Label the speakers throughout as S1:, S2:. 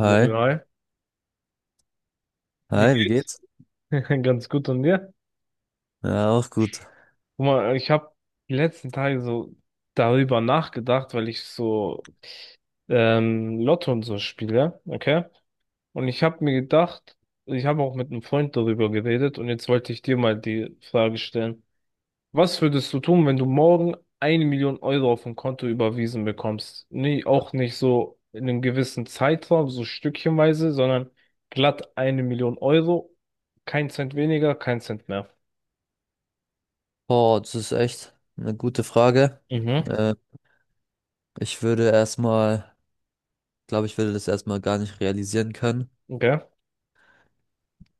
S1: Wohl, hi. Wie
S2: hi, wie
S1: geht's?
S2: geht's?
S1: Ganz gut und dir?
S2: Ja, auch gut.
S1: Guck mal, ich habe die letzten Tage so darüber nachgedacht, weil ich so Lotto und so spiele, okay? Und ich habe mir gedacht, ich habe auch mit einem Freund darüber geredet und jetzt wollte ich dir mal die Frage stellen. Was würdest du tun, wenn du morgen eine Million Euro auf ein Konto überwiesen bekommst? Nee, auch nicht so in einem gewissen Zeitraum, so stückchenweise, sondern glatt eine Million Euro, kein Cent weniger, kein Cent mehr.
S2: Boah, das ist echt eine gute Frage.
S1: Mhm.
S2: Äh, Ich würde erstmal, glaube ich, würde das erstmal gar nicht realisieren können.
S1: Okay.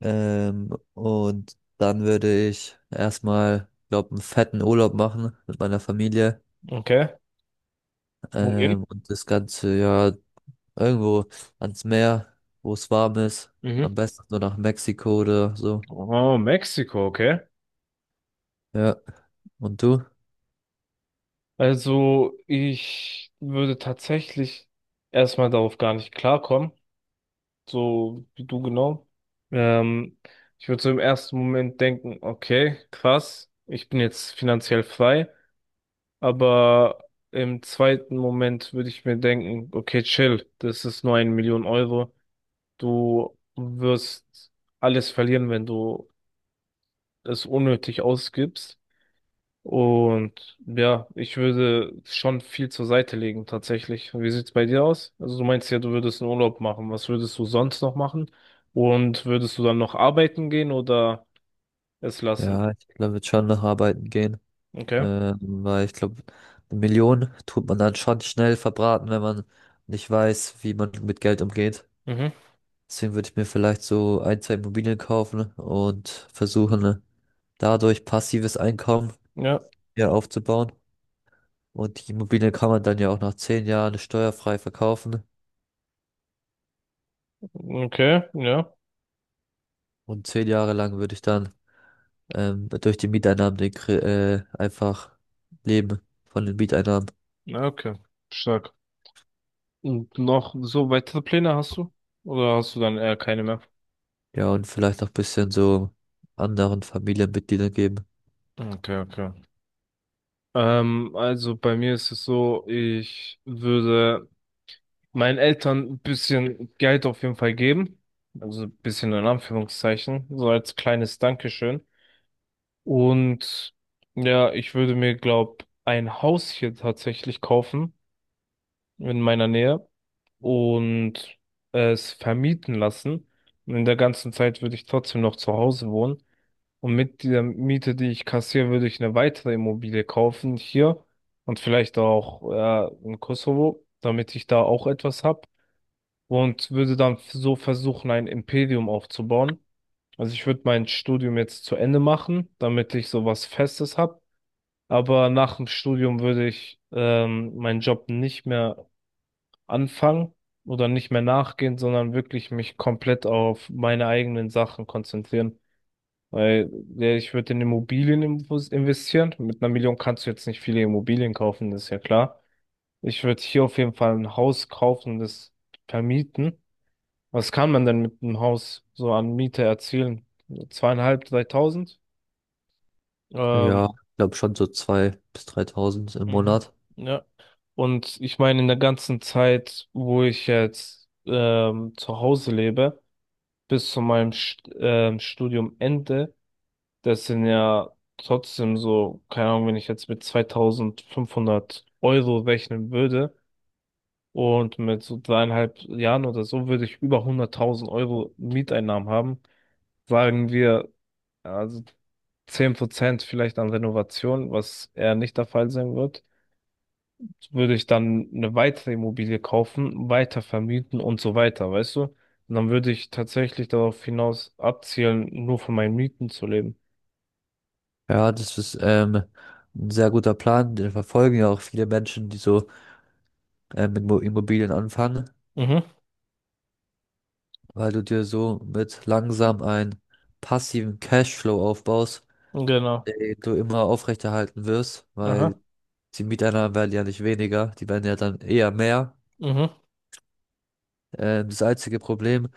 S2: Und dann würde ich erstmal, glaube einen fetten Urlaub machen mit meiner Familie.
S1: Okay. Wohin?
S2: Und das Ganze ja irgendwo ans Meer, wo es warm ist. Am
S1: Mhm.
S2: besten nur nach Mexiko oder so.
S1: Oh, Mexiko, okay.
S2: Ja. Und du?
S1: Also, ich würde tatsächlich erstmal darauf gar nicht klarkommen, so wie du genau. Ähm, ich würde so im ersten Moment denken, okay, krass, ich bin jetzt finanziell frei, aber im zweiten Moment würde ich mir denken, okay, chill, das ist nur eine Million Euro, du wirst alles verlieren, wenn du es unnötig ausgibst. Und ja, ich würde schon viel zur Seite legen, tatsächlich. Wie sieht's bei dir aus? Also du meinst ja, du würdest einen Urlaub machen. Was würdest du sonst noch machen? Und würdest du dann noch arbeiten gehen oder es lassen?
S2: Ja, ich glaube, ich würde schon noch arbeiten gehen.
S1: Okay.
S2: Weil ich glaube, 1 Million tut man dann schon schnell verbraten, wenn man nicht weiß, wie man mit Geld umgeht.
S1: Mhm.
S2: Deswegen würde ich mir vielleicht so ein, zwei Immobilien kaufen und versuchen, dadurch passives Einkommen
S1: Ja.
S2: ja aufzubauen. Und die Immobilien kann man dann ja auch nach 10 Jahren steuerfrei verkaufen.
S1: Okay. Ja.
S2: Und 10 Jahre lang würde ich dann durch die Mieteinnahmen einfach leben von den Mieteinnahmen.
S1: Ja, okay. Stark. Und noch so weitere Pläne hast du? Oder hast du dann eher keine mehr?
S2: Ja, und vielleicht auch ein bisschen so anderen Familienmitgliedern geben.
S1: Okay, okay. Also bei mir ist es so, ich würde meinen Eltern ein bisschen Geld auf jeden Fall geben. Also ein bisschen in Anführungszeichen, so als kleines Dankeschön. Und ja, ich würde mir, glaub, ein Haus hier tatsächlich kaufen in meiner Nähe und es vermieten lassen. Und in der ganzen Zeit würde ich trotzdem noch zu Hause wohnen. Und mit der Miete, die ich kassiere, würde ich eine weitere Immobilie kaufen hier und vielleicht auch in Kosovo, damit ich da auch etwas hab und würde dann so versuchen, ein Imperium aufzubauen. Also ich würde mein Studium jetzt zu Ende machen, damit ich so was Festes habe. Aber nach dem Studium würde ich meinen Job nicht mehr anfangen oder nicht mehr nachgehen, sondern wirklich mich komplett auf meine eigenen Sachen konzentrieren. Weil ja, ich würde in Immobilien investieren. Mit einer Million kannst du jetzt nicht viele Immobilien kaufen, das ist ja klar. Ich würde hier auf jeden Fall ein Haus kaufen und das vermieten. Was kann man denn mit einem Haus so an Miete erzielen? Zweieinhalb, 3.000? Ähm,
S2: Ja, ich glaube schon so 2.000 bis 3.000 im
S1: mhm.
S2: Monat.
S1: Ja. Und ich meine, in der ganzen Zeit, wo ich jetzt zu Hause lebe, bis zu meinem St Studiumende, das sind ja trotzdem so, keine Ahnung, wenn ich jetzt mit 2.500 Euro rechnen würde und mit so 3,5 Jahren oder so, würde ich über 100.000 Euro Mieteinnahmen haben. Sagen wir, ja, also 10% vielleicht an Renovation, was eher nicht der Fall sein wird, würde ich dann eine weitere Immobilie kaufen, weiter vermieten und so weiter, weißt du? Und dann würde ich tatsächlich darauf hinaus abzielen, nur von meinen Mieten zu leben.
S2: Ja, das ist ein sehr guter Plan. Den verfolgen ja auch viele Menschen, die so mit Immobilien anfangen,
S1: Mhm,
S2: weil du dir so mit langsam einen passiven Cashflow aufbaust,
S1: genau.
S2: den du immer aufrechterhalten wirst, weil
S1: Aha,
S2: die Mieteinnahmen werden ja nicht weniger, die werden ja dann eher mehr.
S1: mhm,
S2: Das einzige Problem,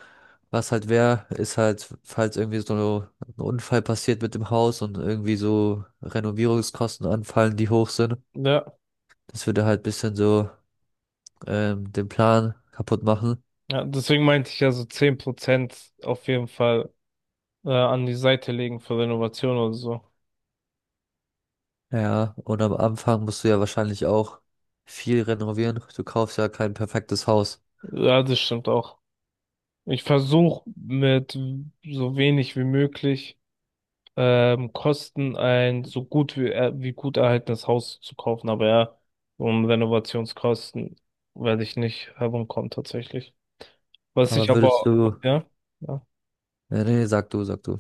S2: was halt wäre, ist halt, falls irgendwie so ein Unfall passiert mit dem Haus und irgendwie so Renovierungskosten anfallen, die hoch sind.
S1: ja.
S2: Das würde halt bisschen so den Plan kaputt machen.
S1: Ja, deswegen meinte ich ja so 10% auf jeden Fall an die Seite legen für Renovation oder so.
S2: Ja, und am Anfang musst du ja wahrscheinlich auch viel renovieren. Du kaufst ja kein perfektes Haus.
S1: Ja, das stimmt auch. Ich versuche mit so wenig wie möglich kosten, ein so gut wie, wie gut erhaltenes Haus zu kaufen. Aber ja, um Renovationskosten werde ich nicht herumkommen tatsächlich. Was ich
S2: Aber würdest
S1: aber,
S2: du...
S1: ja, ja.
S2: Nee, nee, sag du, sag du.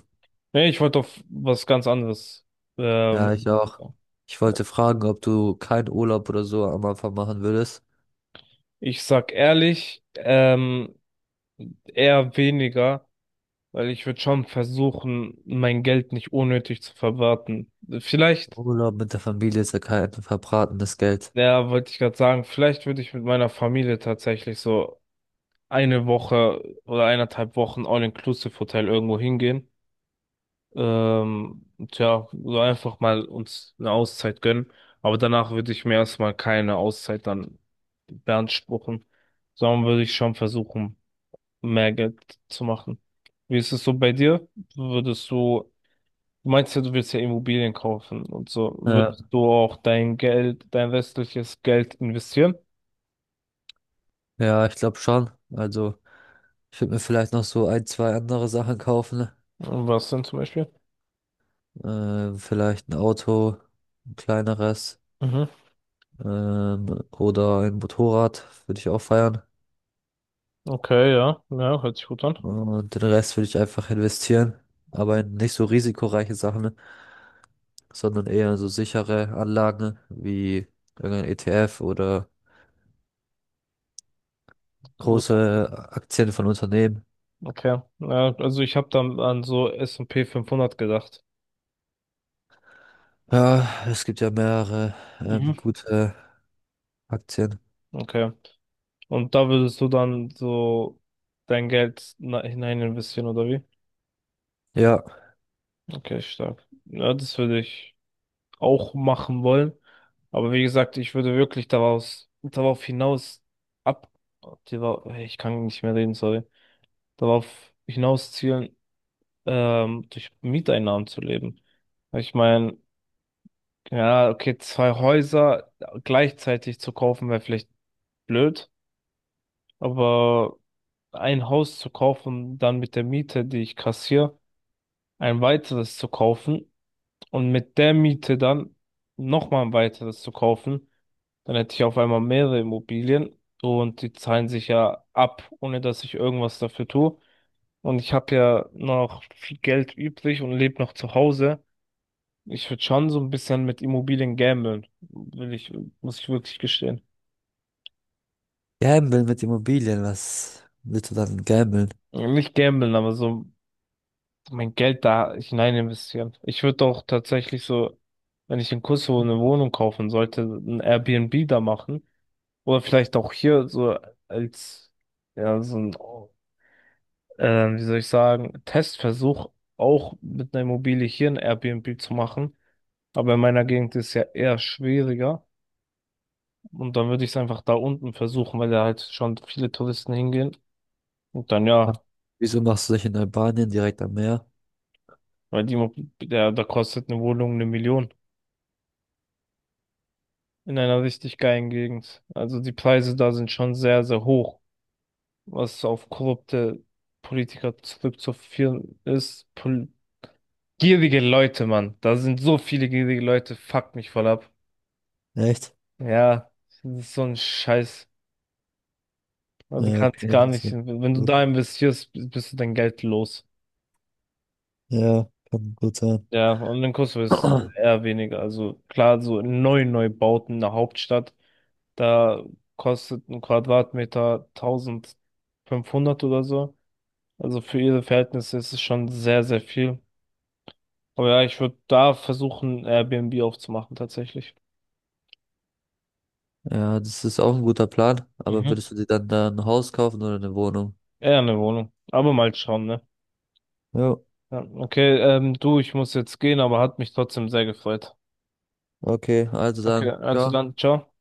S1: Nee, ich wollte auf was ganz anderes. Ähm,
S2: Ja, ich auch. Ich wollte fragen, ob du keinen Urlaub oder so am Anfang machen würdest.
S1: ich sag ehrlich, eher weniger, weil ich würde schon versuchen, mein Geld nicht unnötig zu verwerten. Vielleicht,
S2: Urlaub mit der Familie ist ja kein verbratenes Geld.
S1: ja, wollte ich gerade sagen, vielleicht würde ich mit meiner Familie tatsächlich so eine Woche oder 1,5 Wochen All-Inclusive-Hotel irgendwo hingehen. Ähm, tja, so einfach mal uns eine Auszeit gönnen. Aber danach würde ich mir erstmal keine Auszeit dann beanspruchen, sondern würde ich schon versuchen, mehr Geld zu machen. Wie ist es so bei dir? Würdest du, du meinst ja, du willst ja Immobilien kaufen und so. Würdest
S2: Ja,
S1: du auch dein Geld, dein restliches Geld investieren?
S2: ja, ich glaube schon. Also, ich würde mir vielleicht noch so ein, zwei andere Sachen kaufen.
S1: Und was denn zum Beispiel?
S2: Vielleicht ein Auto, ein kleineres,
S1: Mhm.
S2: oder ein Motorrad würde ich auch feiern.
S1: Okay, ja, ja, hört sich gut an.
S2: Und den Rest würde ich einfach investieren. Aber in nicht so risikoreiche Sachen, sondern eher in so sichere Anlagen wie irgendein ETF oder große Aktien von Unternehmen.
S1: Okay. Ja, also ich habe dann an so S&P 500 gedacht.
S2: Ja, es gibt ja mehrere,
S1: Mhm.
S2: gute Aktien.
S1: Okay. Und da würdest du dann so dein Geld hinein investieren, oder wie?
S2: Ja.
S1: Okay, stark. Ja, das würde ich auch machen wollen. Aber wie gesagt, ich würde wirklich daraus, darauf hinaus ab, darauf- ich kann nicht mehr reden, sorry, darauf hinaus zielen, durch Mieteinnahmen zu leben. Ich meine, ja, okay, zwei Häuser gleichzeitig zu kaufen wäre vielleicht blöd, aber ein Haus zu kaufen, dann mit der Miete, die ich kassiere, ein weiteres zu kaufen und mit der Miete dann nochmal ein weiteres zu kaufen, dann hätte ich auf einmal mehrere Immobilien und die zahlen sich ja ab, ohne dass ich irgendwas dafür tue. Und ich habe ja noch viel Geld übrig und lebe noch zu Hause. Ich würde schon so ein bisschen mit Immobilien gamblen, will ich, muss ich wirklich gestehen.
S2: Gambeln mit Immobilien, was willst du dann gambeln?
S1: Nicht gamblen, aber so mein Geld da hinein investieren. Ich würde auch tatsächlich so, wenn ich in Kosovo eine Wohnung kaufen sollte, ein Airbnb da machen. Oder vielleicht auch hier so als, ja, so ein, äh, wie soll ich sagen, Testversuch auch mit einer Immobilie hier ein Airbnb zu machen. Aber in meiner Gegend ist es ja eher schwieriger. Und dann würde ich es einfach da unten versuchen, weil da halt schon viele Touristen hingehen. Und dann ja,
S2: Ah, wieso machst du dich in Albanien direkt am Meer?
S1: weil die, Immo- der, da kostet eine Wohnung eine Million in einer richtig geilen Gegend. Also die Preise da sind schon sehr, sehr hoch, was auf korrupte Politiker zurückzuführen ist. Pol gierige Leute, Mann. Da sind so viele gierige Leute, fuck mich voll ab.
S2: Echt?
S1: Ja, das ist so ein Scheiß. Also
S2: Ja,
S1: kannst
S2: okay,
S1: gar
S2: das
S1: nicht,
S2: ist
S1: wenn du
S2: gut.
S1: da investierst, bist du dein Geld los.
S2: Ja, kann gut sein.
S1: Ja, und in Kosovo ist eher weniger. Also klar, so neu bauten in der Hauptstadt, da kostet ein Quadratmeter 1.500 oder so. Also für ihre Verhältnisse ist es schon sehr, sehr viel. Aber ja, ich würde da versuchen, Airbnb aufzumachen, tatsächlich.
S2: Ja, das ist auch ein guter Plan, aber
S1: Mhm.
S2: würdest du dir dann da ein Haus kaufen oder eine Wohnung?
S1: Eher eine Wohnung. Aber mal schauen, ne?
S2: Ja,
S1: Ja, okay, du, ich muss jetzt gehen, aber hat mich trotzdem sehr gefreut.
S2: okay, also
S1: Okay,
S2: dann.
S1: also
S2: Ciao.
S1: dann, ciao.